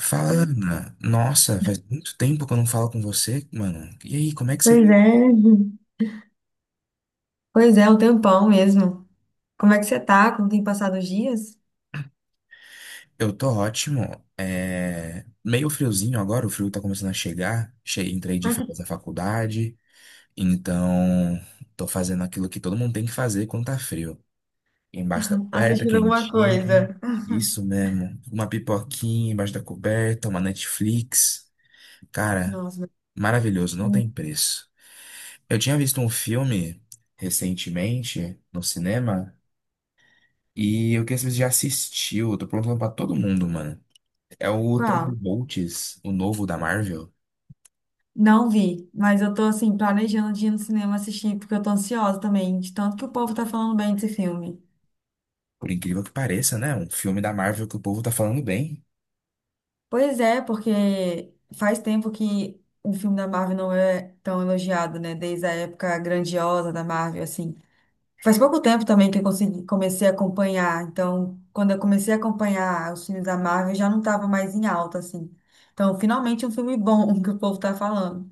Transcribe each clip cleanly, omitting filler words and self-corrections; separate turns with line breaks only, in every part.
Fala, Ana. Nossa, faz muito tempo que eu não falo com você, mano. E aí, como é que você.
Pois é, um tempão mesmo. Como é que você tá? Como tem passado os dias?
Eu tô ótimo. Meio friozinho agora, o frio tá começando a chegar. Entrei de férias da faculdade, então tô fazendo aquilo que todo mundo tem que fazer quando tá frio. Embaixo da coberta,
Assistindo alguma
quentinho.
coisa?
Isso mesmo. Uma pipoquinha embaixo da coberta, uma Netflix. Cara,
Nossa, mas-
maravilhoso, não
hum,
tem preço. Eu tinha visto um filme recentemente no cinema. E eu queria saber se já assistiu. Eu tô perguntando pra todo mundo, mano. É o
qual?
Thunderbolts, o novo da Marvel.
Não vi, mas eu tô assim, planejando de ir no cinema assistir, porque eu tô ansiosa também, de tanto que o povo tá falando bem desse filme.
Por incrível que pareça, né? Um filme da Marvel que o povo tá falando bem.
Pois é, porque faz tempo que o filme da Marvel não é tão elogiado, né? Desde a época grandiosa da Marvel, assim. Faz pouco tempo também que eu consegui, comecei a acompanhar. Então, quando eu comecei a acompanhar os filmes da Marvel, já não estava mais em alta, assim. Então, finalmente um filme bom que o povo tá falando.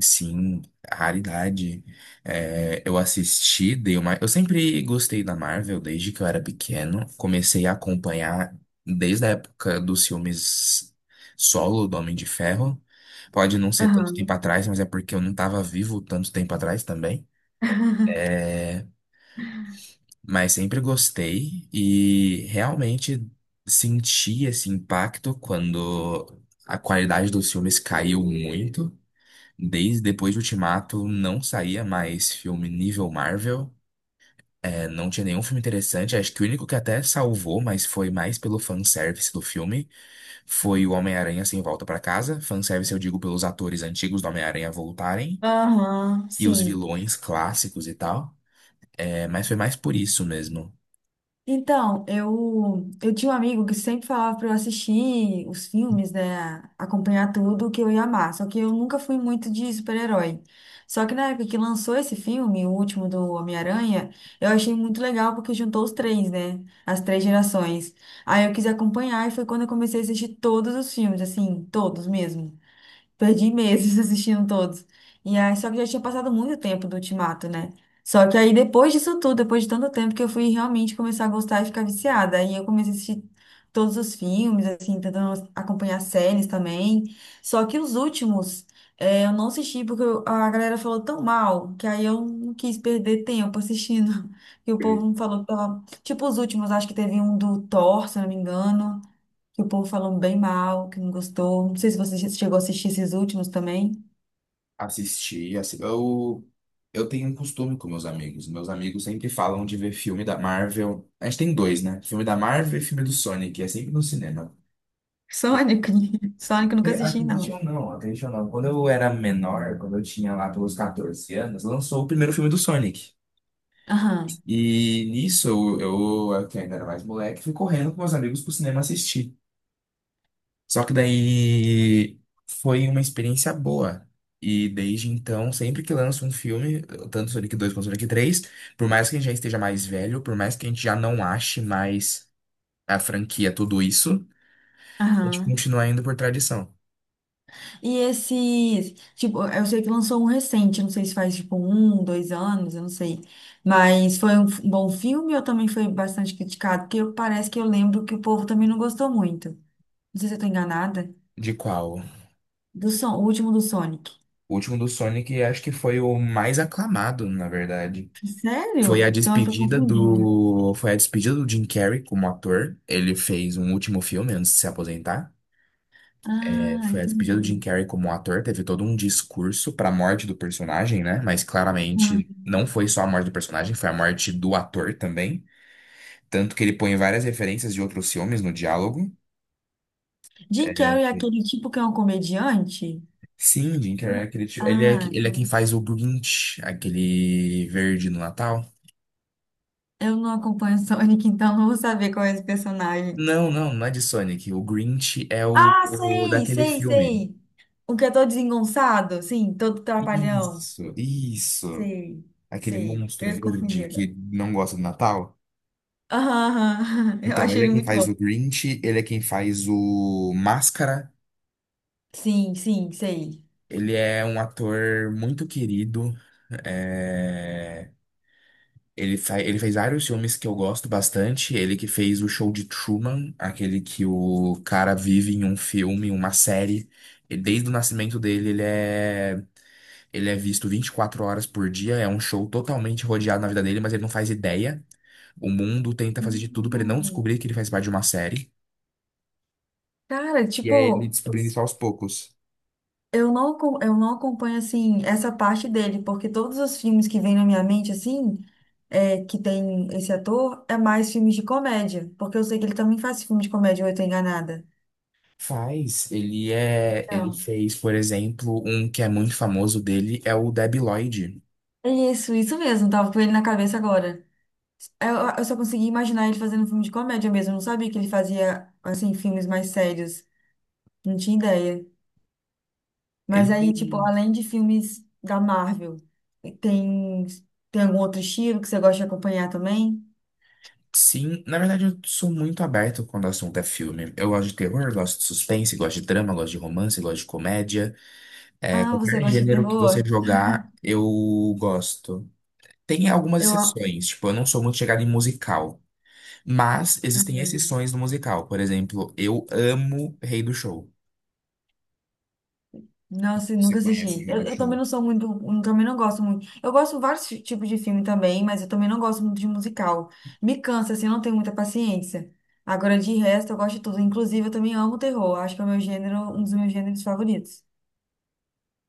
Sim, raridade. É, eu assisti, dei uma. Eu sempre gostei da Marvel desde que eu era pequeno. Comecei a acompanhar desde a época dos filmes solo do Homem de Ferro. Pode não ser tanto tempo
Aham.
atrás, mas é porque eu não tava vivo tanto tempo atrás também. É, mas sempre gostei e realmente senti esse impacto quando a qualidade dos filmes caiu muito. Desde depois de Ultimato não saía mais filme nível Marvel. Não tinha nenhum filme interessante. Acho que o único que até salvou, mas foi mais pelo fanservice do filme, foi o Homem-Aranha Sem Volta pra Casa. Fanservice eu digo pelos atores antigos do Homem-Aranha voltarem
Aham,
e os
sim.
vilões clássicos e tal. É, mas foi mais por isso mesmo.
Então, eu tinha um amigo que sempre falava para eu assistir os filmes, né? Acompanhar tudo que eu ia amar. Só que eu nunca fui muito de super-herói. Só que na época que lançou esse filme, o último do Homem-Aranha, eu achei muito legal porque juntou os três, né? As três gerações. Aí eu quis acompanhar e foi quando eu comecei a assistir todos os filmes, assim, todos mesmo. Perdi meses assistindo todos. E aí, só que já tinha passado muito tempo do Ultimato, né? Só que aí, depois disso tudo, depois de tanto tempo que eu fui realmente começar a gostar e ficar viciada. Aí eu comecei a assistir todos os filmes, assim, tentando acompanhar séries também. Só que os últimos, eu não assisti porque a galera falou tão mal que aí eu não quis perder tempo assistindo. E o povo falou que tipo, os últimos, acho que teve um do Thor, se eu não me engano que o povo falou bem mal, que não gostou. Não sei se você chegou a assistir esses últimos também.
Assisti, assi- eu, eu tenho um costume com meus amigos. Meus amigos sempre falam de ver filme da Marvel. A gente tem dois, né? Filme da Marvel e filme do Sonic, é sempre no cinema.
Sonic. Sonic eu nunca assisti,
Acredite
não.
ou não, acredite ou não. Quando eu era menor, quando eu tinha lá pelos 14 anos, lançou o primeiro filme do Sonic.
Aham.
E nisso, eu que ainda era mais moleque, fui correndo com meus amigos pro cinema assistir. Só que daí foi uma experiência boa. E desde então, sempre que lança um filme, tanto Sonic 2 quanto Sonic 3, por mais que a gente já esteja mais velho, por mais que a gente já não ache mais a franquia tudo isso, a gente
Aham.
continua indo por tradição.
E esse, tipo, eu sei que lançou um recente, não sei se faz tipo um, dois anos, eu não sei. Mas foi um bom filme ou também foi bastante criticado? Porque parece que eu lembro que o povo também não gostou muito. Não sei se eu tô enganada.
De qual?
O último do Sonic.
O último do Sonic acho que foi o mais aclamado, na verdade.
Sério? Então eu tô confundindo.
Foi a despedida do Jim Carrey como ator. Ele fez um último filme antes de se aposentar.
Ah,
Foi a despedida do Jim
entendi.
Carrey como ator, teve todo um discurso para a morte do personagem, né? Mas claramente não foi só a morte do personagem, foi a morte do ator também. Tanto que ele põe várias referências de outros filmes no diálogo.
Jim
É,
Carrey é aquele tipo que é um comediante?
sim, Jim Carrey é aquele tio-
Ah,
ele é quem
então,
faz o Grinch, aquele verde no Natal.
eu não acompanho Sonic, então não vou saber qual é esse personagem.
Não é de Sonic. O Grinch é
Ah,
o
sei,
daquele
sei,
filme.
sei. O que é todo desengonçado, sim, todo trapalhão.
Isso, isso.
Sei,
Aquele
sei.
monstro
Eu me confundi
verde que
agora.
não gosta do Natal.
Aham, aham. Eu
Então,
acho
ele é
ele
quem
muito
faz
bom.
o Grinch, ele é quem faz o Máscara,
Sim, sim, sei.
ele é um ator muito querido. é, ele fez vários filmes que eu gosto bastante. Ele que fez o show de Truman, aquele que o cara vive em um filme, uma série. E desde o nascimento dele, ele é visto 24 horas por dia. É um show totalmente rodeado na vida dele, mas ele não faz ideia. O mundo tenta fazer de tudo para ele não
Hum.
descobrir que ele faz parte de uma série.
Cara,
E é ele
tipo,
descobrindo isso aos poucos.
eu não acompanho, assim, essa parte dele, porque todos os filmes que vêm na minha mente, assim, é, que tem esse ator, é mais filmes de comédia, porque eu sei que ele também faz filme de comédia, ou eu tô enganada.
Faz, ele
Então,
fez, por exemplo, um que é muito famoso dele é o Debi Lloyd.
é isso, isso mesmo, tava com ele na cabeça agora. É, eu só consegui imaginar ele fazendo filme de comédia mesmo, eu não sabia que ele fazia, assim, filmes mais sérios, não tinha ideia.
Ele,
Mas aí, tipo, além de filmes da Marvel, tem, tem algum outro estilo que você gosta de acompanhar também?
sim, na verdade eu sou muito aberto quando o assunto é filme. Eu gosto de terror, gosto de suspense, gosto de drama, gosto de romance, gosto de comédia. É,
Ah, você
qualquer
gosta de
gênero que você
terror?
jogar, eu gosto. Tem algumas
Eu, ah,
exceções, tipo, eu não sou muito chegado em musical, mas existem exceções no musical. Por exemplo, eu amo Rei do Show.
não assim,
Você
nunca
conhece
assisti.
Rei
Eu,
do
eu também
Show?
não sou muito, eu também não gosto muito. Eu gosto de vários tipos de filme também, mas eu também não gosto muito de musical. Me cansa, assim, eu não tenho muita paciência. Agora, de resto, eu gosto de tudo. Inclusive, eu também amo terror. Acho que é o meu gênero, um dos meus gêneros favoritos.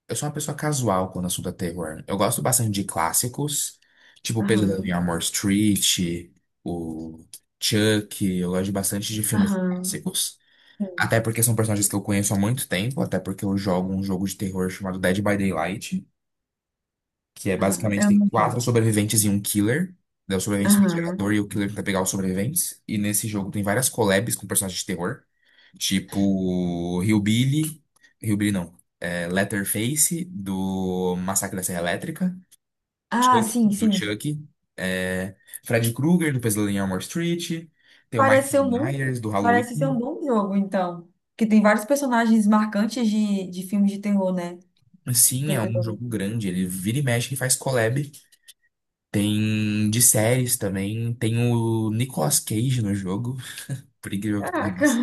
Eu sou uma pessoa casual quando o assunto é terror. Eu gosto bastante de clássicos, tipo o Pesadelo em
Aham,
Elm Street, o Chuck. Eu gosto bastante de filmes
aham,
clássicos.
sim.
Até porque são personagens que eu conheço há muito tempo, até porque eu jogo um jogo de terror chamado Dead by Daylight, que é
Ah,
basicamente
eu
tem
não sei.
quatro sobreviventes e um killer. Daí o sobrevivente é o gerador
Aham.
e o killer tenta pegar os sobreviventes. E nesse jogo tem várias collabs com personagens de terror. Tipo, Hillbilly. Hillbilly não. Leatherface, do Massacre da Serra Elétrica.
Ah,
Chuck,
sim,
do
sim.
Chuck. É, Fred Krueger, do Pesadelo em Elm Street. Tem o Michael
Parece ser um bom,
Myers, do
parece ser um
Halloween.
bom jogo, então. Que tem vários personagens marcantes de filmes de terror, né?
Sim, é
Pelo que eu
um
tô
jogo
vendo.
grande. Ele vira e mexe e faz collab. Tem de séries também. Tem o Nicolas Cage no jogo, por incrível que
Caraca!
pareça.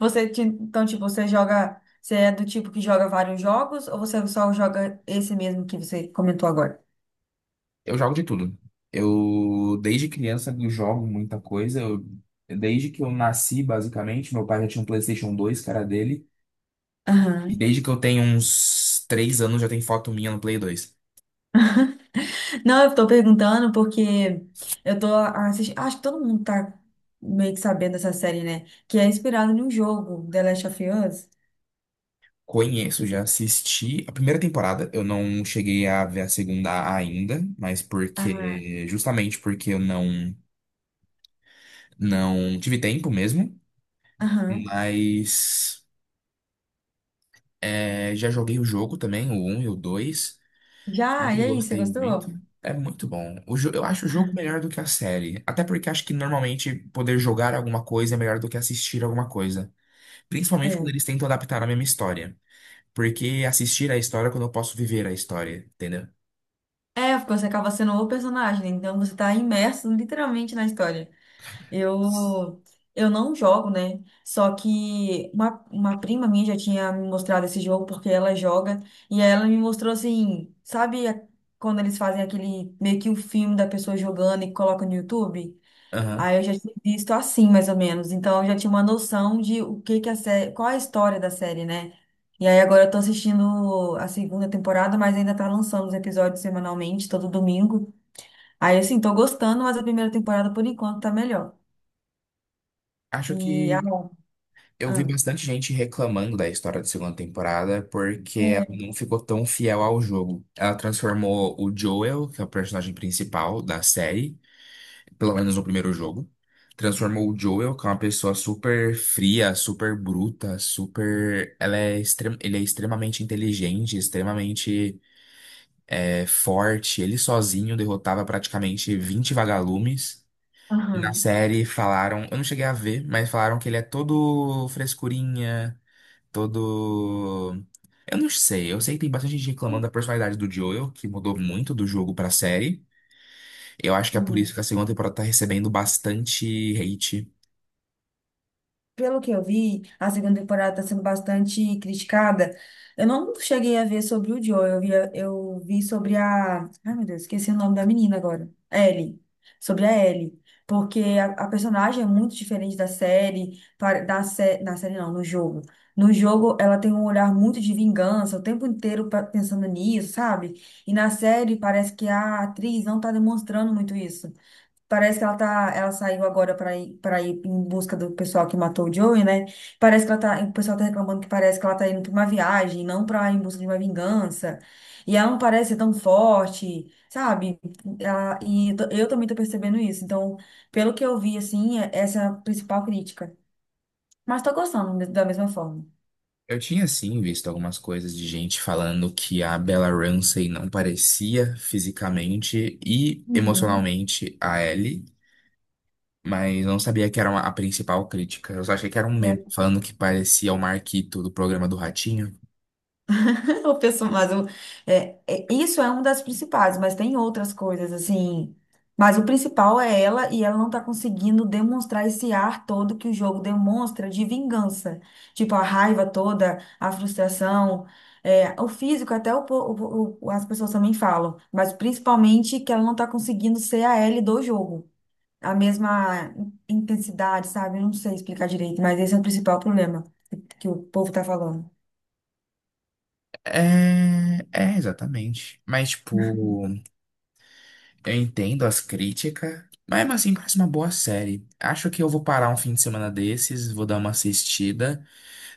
Então, tipo, você joga, você é do tipo que joga vários jogos ou você só joga esse mesmo que você comentou agora?
Eu jogo de tudo. Eu, desde criança, eu jogo muita coisa. Desde que eu nasci, basicamente, meu pai já tinha um PlayStation 2, cara dele. E
Aham.
desde que eu tenho uns 3 anos, já tem foto minha no Play 2.
Não, eu tô perguntando porque eu tô assistindo, acho que todo mundo tá meio que sabendo dessa série, né? Que é inspirado num jogo, The Last of Us.
Conheço,
Você-
já assisti a primeira temporada. Eu não cheguei a ver a segunda ainda, mas
Ah,
porque, justamente porque eu não, não tive tempo mesmo.
aham.
Mas é, já joguei o jogo também, o um e o dois.
Já, e
Eu
aí, você
gostei muito.
gostou?
É muito bom. Eu acho o jogo melhor do que a série. Até porque acho que normalmente poder jogar alguma coisa é melhor do que assistir alguma coisa. Principalmente quando
É.
eles tentam adaptar a mesma história. Porque assistir a história é quando eu posso viver a história, entendeu?
É, porque você acaba sendo o personagem, né? Então você tá imerso literalmente na história. Eu, eu não jogo, né? Só que uma prima minha já tinha me mostrado esse jogo porque ela joga. E aí ela me mostrou assim, quando eles fazem aquele meio que o filme da pessoa jogando e colocam no YouTube?
Aham.
Aí eu já tinha visto assim, mais ou menos. Então eu já tinha uma noção de o que que a série, qual a história da série, né? E aí agora eu tô assistindo a segunda temporada, mas ainda tá lançando os episódios semanalmente, todo domingo. Aí assim, tô gostando, mas a primeira temporada por enquanto tá melhor.
Acho
E a.
que eu vi
Ah,
bastante gente reclamando da história da segunda temporada porque ela
é,
não ficou tão fiel ao jogo. Ela transformou o Joel, que é o personagem principal da série, pelo menos no primeiro jogo. Transformou o Joel, que é uma pessoa super fria, super bruta, super. Ele é extremamente inteligente, forte. Ele sozinho derrotava praticamente 20 vagalumes. E na
aham,
série falaram, eu não cheguei a ver, mas falaram que ele é todo frescurinha, todo. Eu não sei, eu sei que tem bastante gente reclamando da personalidade do Joel, que mudou muito do jogo pra série. Eu acho que é por
aham.
isso que a segunda temporada tá recebendo bastante hate.
Pelo que eu vi, a segunda temporada está sendo bastante criticada. Eu não cheguei a ver sobre o Joe, eu vi sobre a. Ai, meu Deus, esqueci o nome da menina agora. Ellie. Sobre a Ellie. Porque a personagem é muito diferente da série, na série não, no jogo. No jogo, ela tem um olhar muito de vingança, o tempo inteiro pensando nisso, sabe? E na série, parece que a atriz não está demonstrando muito isso. Parece que ela tá, ela saiu agora para ir em busca do pessoal que matou o Joey, né? Parece que ela tá, o pessoal tá reclamando que parece que ela tá indo pra uma viagem, não pra ir em busca de uma vingança. E ela não parece ser tão forte, sabe? Ela, e eu, tô- eu também tô percebendo isso. Então, pelo que eu vi, assim, essa é a principal crítica. Mas tô gostando da mesma forma.
Eu tinha sim visto algumas coisas de gente falando que a Bella Ramsey não parecia fisicamente e
Uhum.
emocionalmente a Ellie, mas não sabia que era a principal crítica. Eu só achei que era um meme falando que parecia o Marquito do programa do Ratinho.
O pessoal, mas o, isso é uma das principais, mas tem outras coisas, assim. Mas o principal é ela, e ela não tá conseguindo demonstrar esse ar todo que o jogo demonstra de vingança. Tipo, a raiva toda, a frustração. É, o físico, até o, po- o- as pessoas também falam, mas principalmente que ela não tá conseguindo ser a Ellie do jogo. A mesma intensidade, sabe? Eu não sei explicar direito, mas esse é o principal problema que o povo tá falando.
É, é exatamente. Mas tipo, eu entendo as críticas, mas mesmo assim parece uma boa série. Acho que eu vou parar um fim de semana desses, vou dar uma assistida.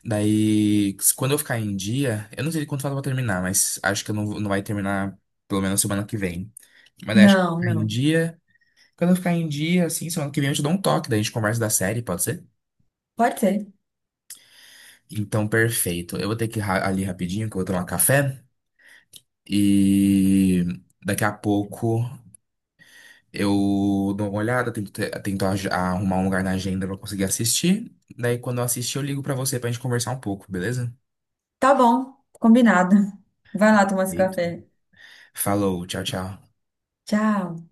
Daí, quando eu ficar em dia, eu não sei quanto falta pra terminar, mas acho que eu não, vou- não vai terminar pelo menos semana que vem. Mas daí acho que
Não,
ficar em
não.
dia. Quando eu ficar em dia, assim, semana que vem eu te dou um toque, daí a gente conversa da série, pode ser?
Pode ser.
Então, perfeito. Eu vou ter que ali rapidinho, que eu vou tomar café. E daqui a pouco eu dou uma olhada, arrumar um lugar na agenda pra eu conseguir assistir. Daí, quando eu assistir, eu ligo pra você pra gente conversar um pouco, beleza?
Tá bom, combinado. Vai lá tomar esse
Perfeito.
café.
Falou, tchau, tchau.
Tchau.